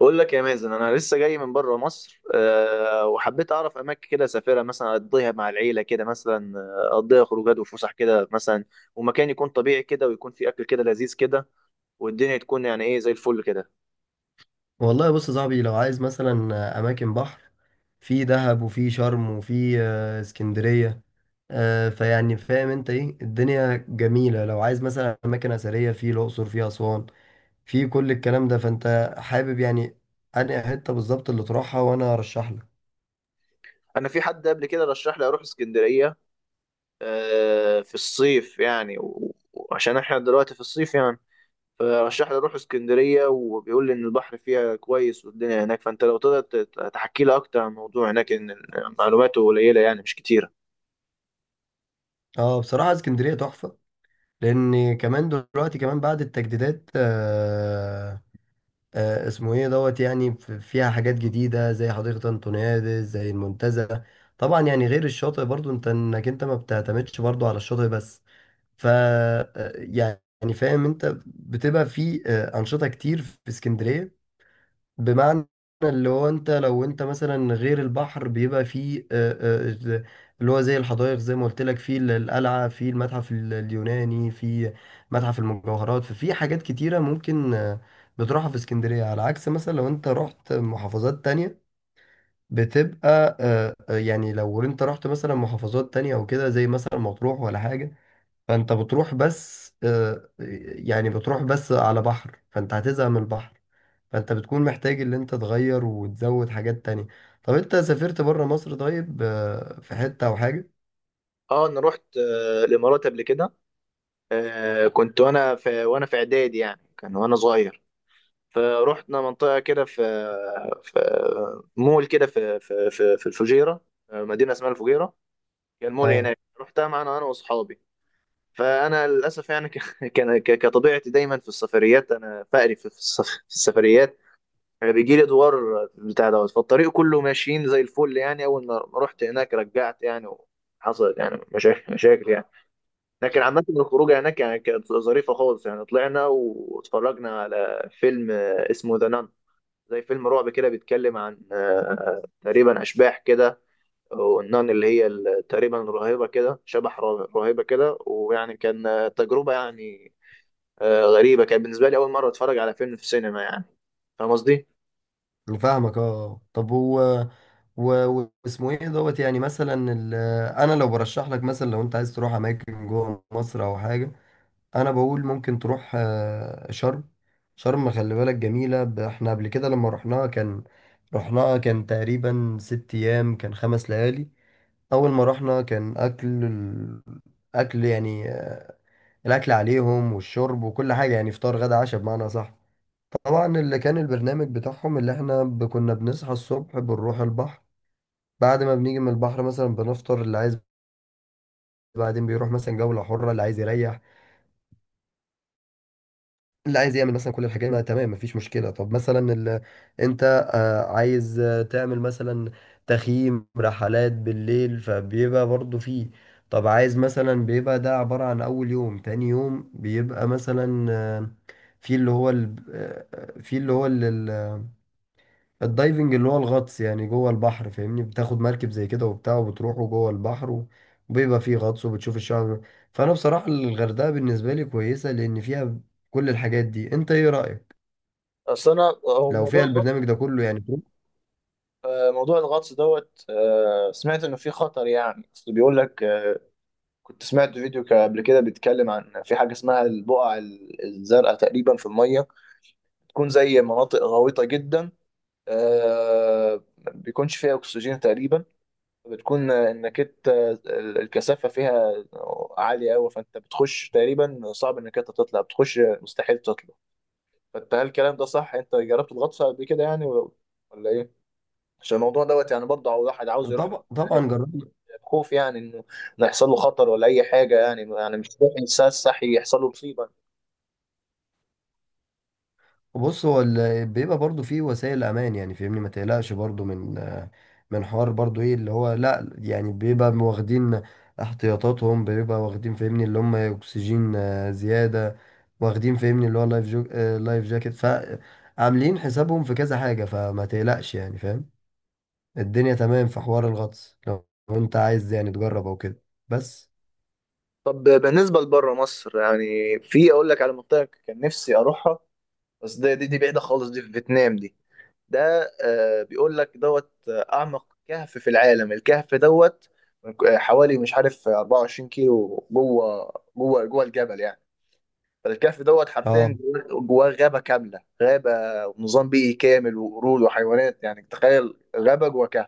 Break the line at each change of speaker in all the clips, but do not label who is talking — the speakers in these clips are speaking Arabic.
بقول لك يا مازن، انا لسه جاي من بره مصر. وحبيت اعرف اماكن كده اسافرها، مثلا اقضيها مع العيله كده، مثلا اقضيها خروجات وفسح كده مثلا. ومكان يكون طبيعي كده، ويكون فيه اكل كده لذيذ كده، والدنيا تكون يعني ايه زي الفل كده.
والله بص يا صاحبي، لو عايز مثلا اماكن بحر، في دهب وفي شرم وفي اسكندريه. فيعني فاهم انت ايه، الدنيا جميله. لو عايز مثلا اماكن اثريه، في الاقصر في اسوان في كل الكلام ده، فانت حابب يعني انهي حته بالظبط اللي تروحها وانا ارشح لك.
انا في حد قبل كده رشح لي اروح اسكندريه في الصيف يعني، و- وعشان احنا دلوقتي في الصيف يعني. فرشح لي اروح اسكندريه، وبيقول لي ان البحر فيها كويس والدنيا هناك. فانت لو تقدر تحكي لي اكتر عن الموضوع هناك، إن معلوماته قليله، يعني مش كتيره.
اه، بصراحه اسكندريه تحفه، لان كمان دلوقتي كمان بعد التجديدات. اسمه ايه دوت، يعني فيها حاجات جديدة زي حديقة انطونيادس زي المنتزه. طبعا يعني غير الشاطئ، برضو انت انت ما بتعتمدش برضو على الشاطئ بس. ف يعني فاهم انت بتبقى في انشطة كتير في اسكندرية. بمعنى اللي هو انت لو مثلا غير البحر بيبقى فيه آه، اللي هو زي الحدائق، زي ما قلت لك فيه القلعة، فيه المتحف اليوناني، فيه متحف المجوهرات. ففي حاجات كتيرة ممكن بتروحها في اسكندرية، على عكس مثلا لو انت رحت محافظات تانية. بتبقى يعني لو انت رحت مثلا محافظات تانية او كده زي مثلا مطروح ولا حاجة، فانت بتروح بس يعني بتروح بس على بحر، فانت هتزهق من البحر. فانت بتكون محتاج اللي انت تغير وتزود حاجات تانية. طب انت سافرت بره مصر طيب في حتة او حاجة؟
اه، انا رحت الامارات قبل كده. كنت وانا في اعدادي، يعني كان وانا صغير. فروحنا منطقه كده، في مول كده في الفجيره. مدينه اسمها الفجيره. كان مول
اه،
هناك، رحتها معانا انا واصحابي. فانا للاسف يعني كان كطبيعتي دايما في السفريات، انا بقري في في السفريات. يعني بيجي لي دوار بتاع دوت. فالطريق كله ماشيين زي الفل، يعني اول ما رحت هناك رجعت يعني. وحصلت يعني مشاكل يعني. لكن عامة الخروجة هناك يعني كانت ظريفة خالص. يعني طلعنا واتفرجنا على فيلم اسمه ذا نان، زي فيلم رعب كده، بيتكلم عن تقريبا أشباح كده. والنان اللي هي تقريبا راهبة كده، شبح راهبة كده. ويعني كان تجربة يعني، غريبة. كانت بالنسبة لي أول مرة أتفرج على فيلم في سينما يعني. فاهم قصدي؟
أنا فاهمك، اه طب هو واسمه ايه دوت، يعني مثلا انا لو برشح لك مثلا، لو انت عايز تروح اماكن جوه مصر او حاجة، انا بقول ممكن تروح شرم. شرم خلي بالك جميلة، احنا قبل كده لما رحناها، كان رحناها كان تقريبا 6 ايام، كان 5 ليالي. اول ما رحنا، كان اكل اكل، يعني الاكل عليهم والشرب وكل حاجة، يعني فطار غدا عشاء بمعنى صح. طبعا اللي كان البرنامج بتاعهم اللي احنا كنا بنصحى الصبح بنروح البحر، بعد ما بنيجي من البحر مثلا بنفطر اللي عايز، بعدين بيروح مثلا جولة حرة، اللي عايز يريح، اللي عايز يعمل مثلا كل الحاجات دي، تمام مفيش مشكلة. طب مثلا ال... انت عايز تعمل مثلا تخييم، رحلات بالليل، فبيبقى برضو فيه. طب عايز مثلا، بيبقى ده عبارة عن أول يوم، تاني يوم بيبقى مثلا في اللي هو ال... في اللي هو ال... الدايفنج، اللي هو الغطس يعني جوه البحر، فاهمني، بتاخد مركب زي كده وبتاع وبتروحوا جوه البحر، وبيبقى فيه غطس وبتشوف الشعب. فانا بصراحة الغردقة بالنسبة لي كويسة لان فيها كل الحاجات دي. انت ايه رأيك
اصل انا، هو
لو
موضوع
فيها
الغطس
البرنامج ده كله، يعني تروح؟
آه، موضوع الغطس دوت، سمعت انه فيه خطر يعني. اصل بيقول لك، كنت سمعت فيديو قبل كده بيتكلم عن في حاجة اسمها البقع الزرقاء، تقريبا في المية، تكون زي مناطق غويطة جدا، ما بيكونش فيها أكسجين تقريبا. بتكون إنك أنت الكثافة فيها عالية أوي، فأنت بتخش تقريبا صعب إنك أنت تطلع، بتخش مستحيل تطلع. فأنت، هل الكلام ده صح؟ أنت جربت الغطس قبل كده يعني، ولا إيه؟ عشان الموضوع دوت، يعني برضه واحد عاوز يروح.
طبعا طبعا جربت.
خوف يعني إنه يحصل له خطر ولا اي حاجه، يعني مش روح انسان صحي يحصل له مصيبه.
بص هو بيبقى برضو فيه وسائل امان، يعني فاهمني ما تقلقش برضو من حوار، برضو ايه اللي هو، لا يعني بيبقى واخدين احتياطاتهم، بيبقى واخدين فاهمني اللي هم اكسجين زيادة، واخدين فاهمني اللي هو لايف جو آه، لايف جاكيت. فعاملين حسابهم في كذا حاجة، فما تقلقش يعني، فاهم، الدنيا تمام في حوار الغطس، لو انت عايز يعني تجرب او كده بس.
طب بالنسبه لبره مصر يعني، في اقول لك على منطقه كان نفسي اروحها، بس دي بعيده خالص، دي في فيتنام دي. ده بيقول لك دوت، اعمق كهف في العالم، الكهف دوت حوالي مش عارف 24 كيلو جوه الجبل يعني. فالكهف دوت
اه،
حرفيا جواه غابه كامله، غابه ونظام بيئي كامل، وقرود وحيوانات. يعني تخيل غابه جوه كهف.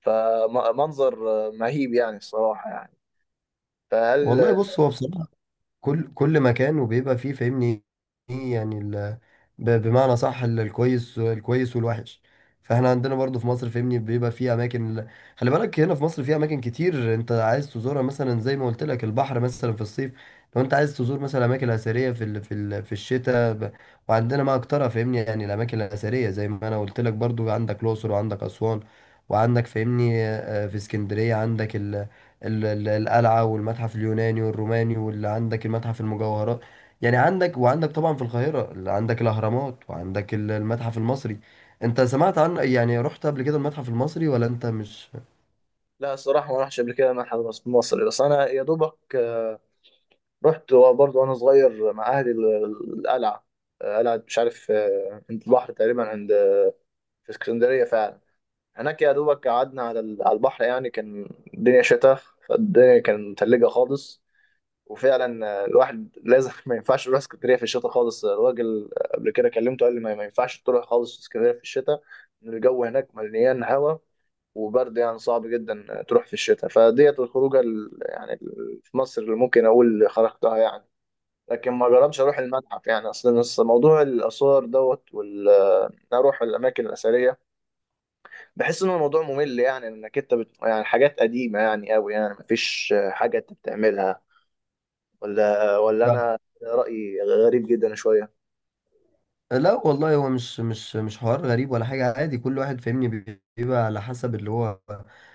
فمنظر مهيب يعني، الصراحة يعني. فهل
والله بص هو بصراحة كل مكان وبيبقى فيه فاهمني ايه يعني ال... بمعنى صح الكويس والوحش. فاحنا عندنا برضو في مصر فاهمني بيبقى فيه اماكن ال... خلي بالك هنا في مصر فيه اماكن كتير انت عايز تزورها، مثلا زي ما قلت لك البحر مثلا في الصيف. لو انت عايز تزور مثلا اماكن اثريه، في ال... في ال... في الشتاء ب... وعندنا ما اكترها فاهمني، يعني الاماكن الاثريه زي ما انا قلت لك برضو، عندك الاقصر وعندك اسوان، وعندك فاهمني في اسكندريه عندك القلعة والمتحف اليوناني والروماني، واللي عندك المتحف المجوهرات، يعني عندك، وعندك طبعا في القاهرة اللي عندك الأهرامات، وعندك المتحف المصري. انت سمعت عن، يعني رحت قبل كده المتحف المصري ولا انت مش؟
لا، الصراحة ما رحتش قبل كده معهد مصري. بس أنا يا دوبك رحت برضه وأنا صغير مع أهلي القلعة. قلعة مش عارف، عند البحر تقريبا، عند، في اسكندرية فعلا. هناك يا دوبك قعدنا على على البحر يعني. كان الدنيا شتاء، فالدنيا كانت متلجة خالص. وفعلا الواحد لازم ما ينفعش يروح اسكندريه في الشتاء خالص. الراجل قبل كده كلمته قال لي ما ينفعش تروح خالص اسكندريه في الشتاء، ان الجو هناك مليان هوا وبرد، يعني صعب جدا تروح في الشتاء. فديت الخروجه في مصر اللي ممكن اقول خرجتها يعني. لكن ما جربتش اروح المتحف يعني، اصلا أصل موضوع الاثار دوت، إن اروح الاماكن الاثريه، بحس ان الموضوع ممل يعني، انك انت يعني حاجات قديمه يعني قوي، يعني مفيش حاجه انت بتعملها. ولا انا رايي غريب جدا شويه.
لا والله، هو مش حوار غريب ولا حاجة، عادي، كل واحد فاهمني بيبقى على حسب اللي هو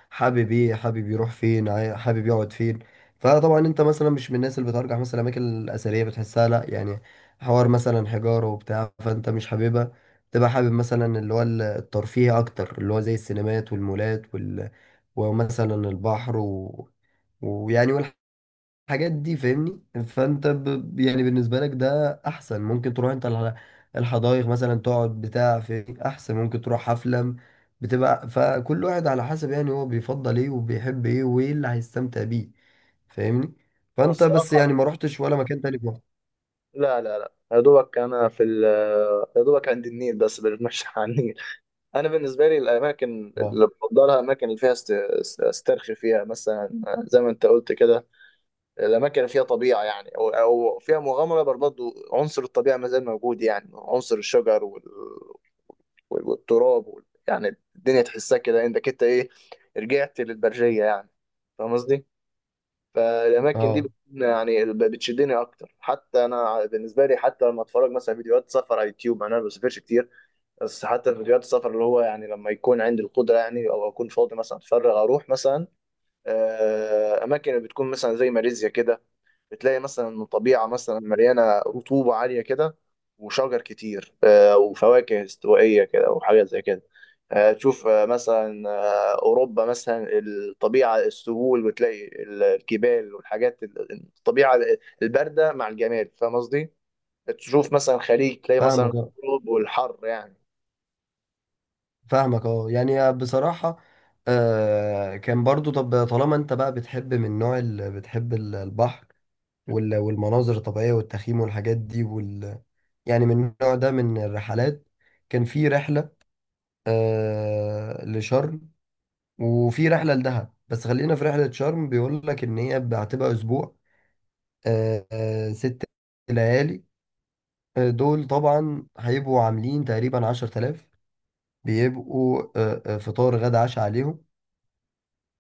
حابب ايه، حابب يروح فين، حابب يقعد فين. فطبعا انت مثلا مش من الناس اللي بترجع مثلا الاماكن الاثرية، بتحسها لا يعني حوار مثلا حجارة وبتاع، فانت مش حاببها. تبقى حابب مثلا اللي هو الترفيه اكتر، اللي هو زي السينمات والمولات وال... ومثلا البحر و... ويعني الحاجات دي فاهمني، فانت ب... يعني بالنسبه لك ده احسن، ممكن تروح انت الحدائق مثلا، تقعد بتاع، في احسن، ممكن تروح حفله، بتبقى. فكل واحد على حسب، يعني هو بيفضل ايه وبيحب ايه وايه اللي هيستمتع بيه فاهمني.
انا
فانت بس يعني
الصراحه،
ما رحتش ولا مكان تاني في مصر؟
لا لا لا يا دوبك، انا في يا دوبك عند النيل، بس بنتمشى على النيل. انا بالنسبه لي الاماكن
اه،
اللي بفضلها، الاماكن اللي فيها استرخي فيها مثلا، زي ما انت قلت كده، الاماكن اللي فيها طبيعه يعني، او فيها مغامره. برضه عنصر الطبيعه ما زال موجود، يعني عنصر الشجر والتراب يعني الدنيا تحسها كده، انك انت ايه، رجعت للبرجيه يعني. فاهم قصدي؟ فالاماكن دي
اه،
بتكون يعني بتشدني اكتر، حتى انا بالنسبه لي. حتى لما اتفرج مثلا فيديوهات سفر على يوتيوب يعني، انا ما بسافرش كتير، بس حتى فيديوهات السفر اللي هو يعني، لما يكون عندي القدره يعني، او اكون فاضي مثلا اتفرغ، اروح مثلا اماكن بتكون مثلا زي ماليزيا كده. بتلاقي مثلا إن الطبيعة مثلا مليانة رطوبة عالية كده، وشجر كتير وفواكه استوائية كده، وحاجات زي كده. تشوف مثلا أوروبا مثلا، الطبيعة، السهول، وتلاقي الجبال والحاجات الطبيعة الباردة مع الجمال. فاهم قصدي؟ تشوف مثلا خليج، تلاقي مثلا
فاهمك، اه
الغروب والحر يعني.
فاهمك، اه يعني بصراحه كان برضو، طب طالما انت بقى بتحب من النوع اللي بتحب البحر والمناظر الطبيعية والتخييم والحاجات دي وال... يعني من النوع ده من الرحلات. كان في رحلة لشرم، وفي رحلة لدهب، بس خلينا في رحلة شرم، بيقول لك إن هي هتبقى أسبوع، ست ليالي، دول طبعا هيبقوا عاملين تقريبا 10 تلاف، بيبقوا فطار غدا عشاء عليهم.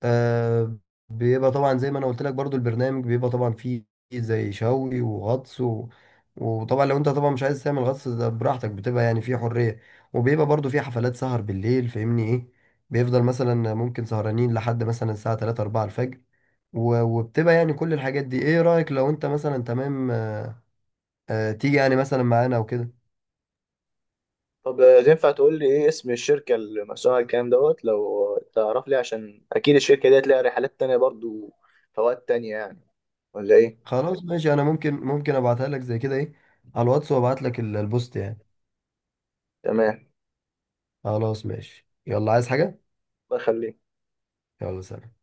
آه. بيبقى طبعا زي ما انا قلت لك برضو البرنامج بيبقى طبعا فيه زي شوي وغطس و... وطبعا لو انت طبعا مش عايز تعمل غطس، ده براحتك، بتبقى يعني فيه حرية. وبيبقى برضو فيه حفلات سهر بالليل فاهمني ايه، بيفضل مثلا ممكن سهرانين لحد مثلا الساعة 3 4 الفجر و... وبتبقى يعني كل الحاجات دي. ايه رأيك، لو انت مثلا تمام تيجي يعني مثلا معانا او كده؟
طب تنفع تقول لي ايه اسم الشركة اللي مسؤولة عن الكلام دوت، لو تعرف لي، عشان اكيد الشركة ديت ليها رحلات تانية برضو، فوائد تانية يعني، ولا ايه؟
خلاص ماشي، انا ممكن ابعتها لك زي كده، ايه، على الواتس، وابعت لك البوست يعني.
تمام،
خلاص ماشي، يلا، عايز حاجة؟
بخليك.
يلا سلام.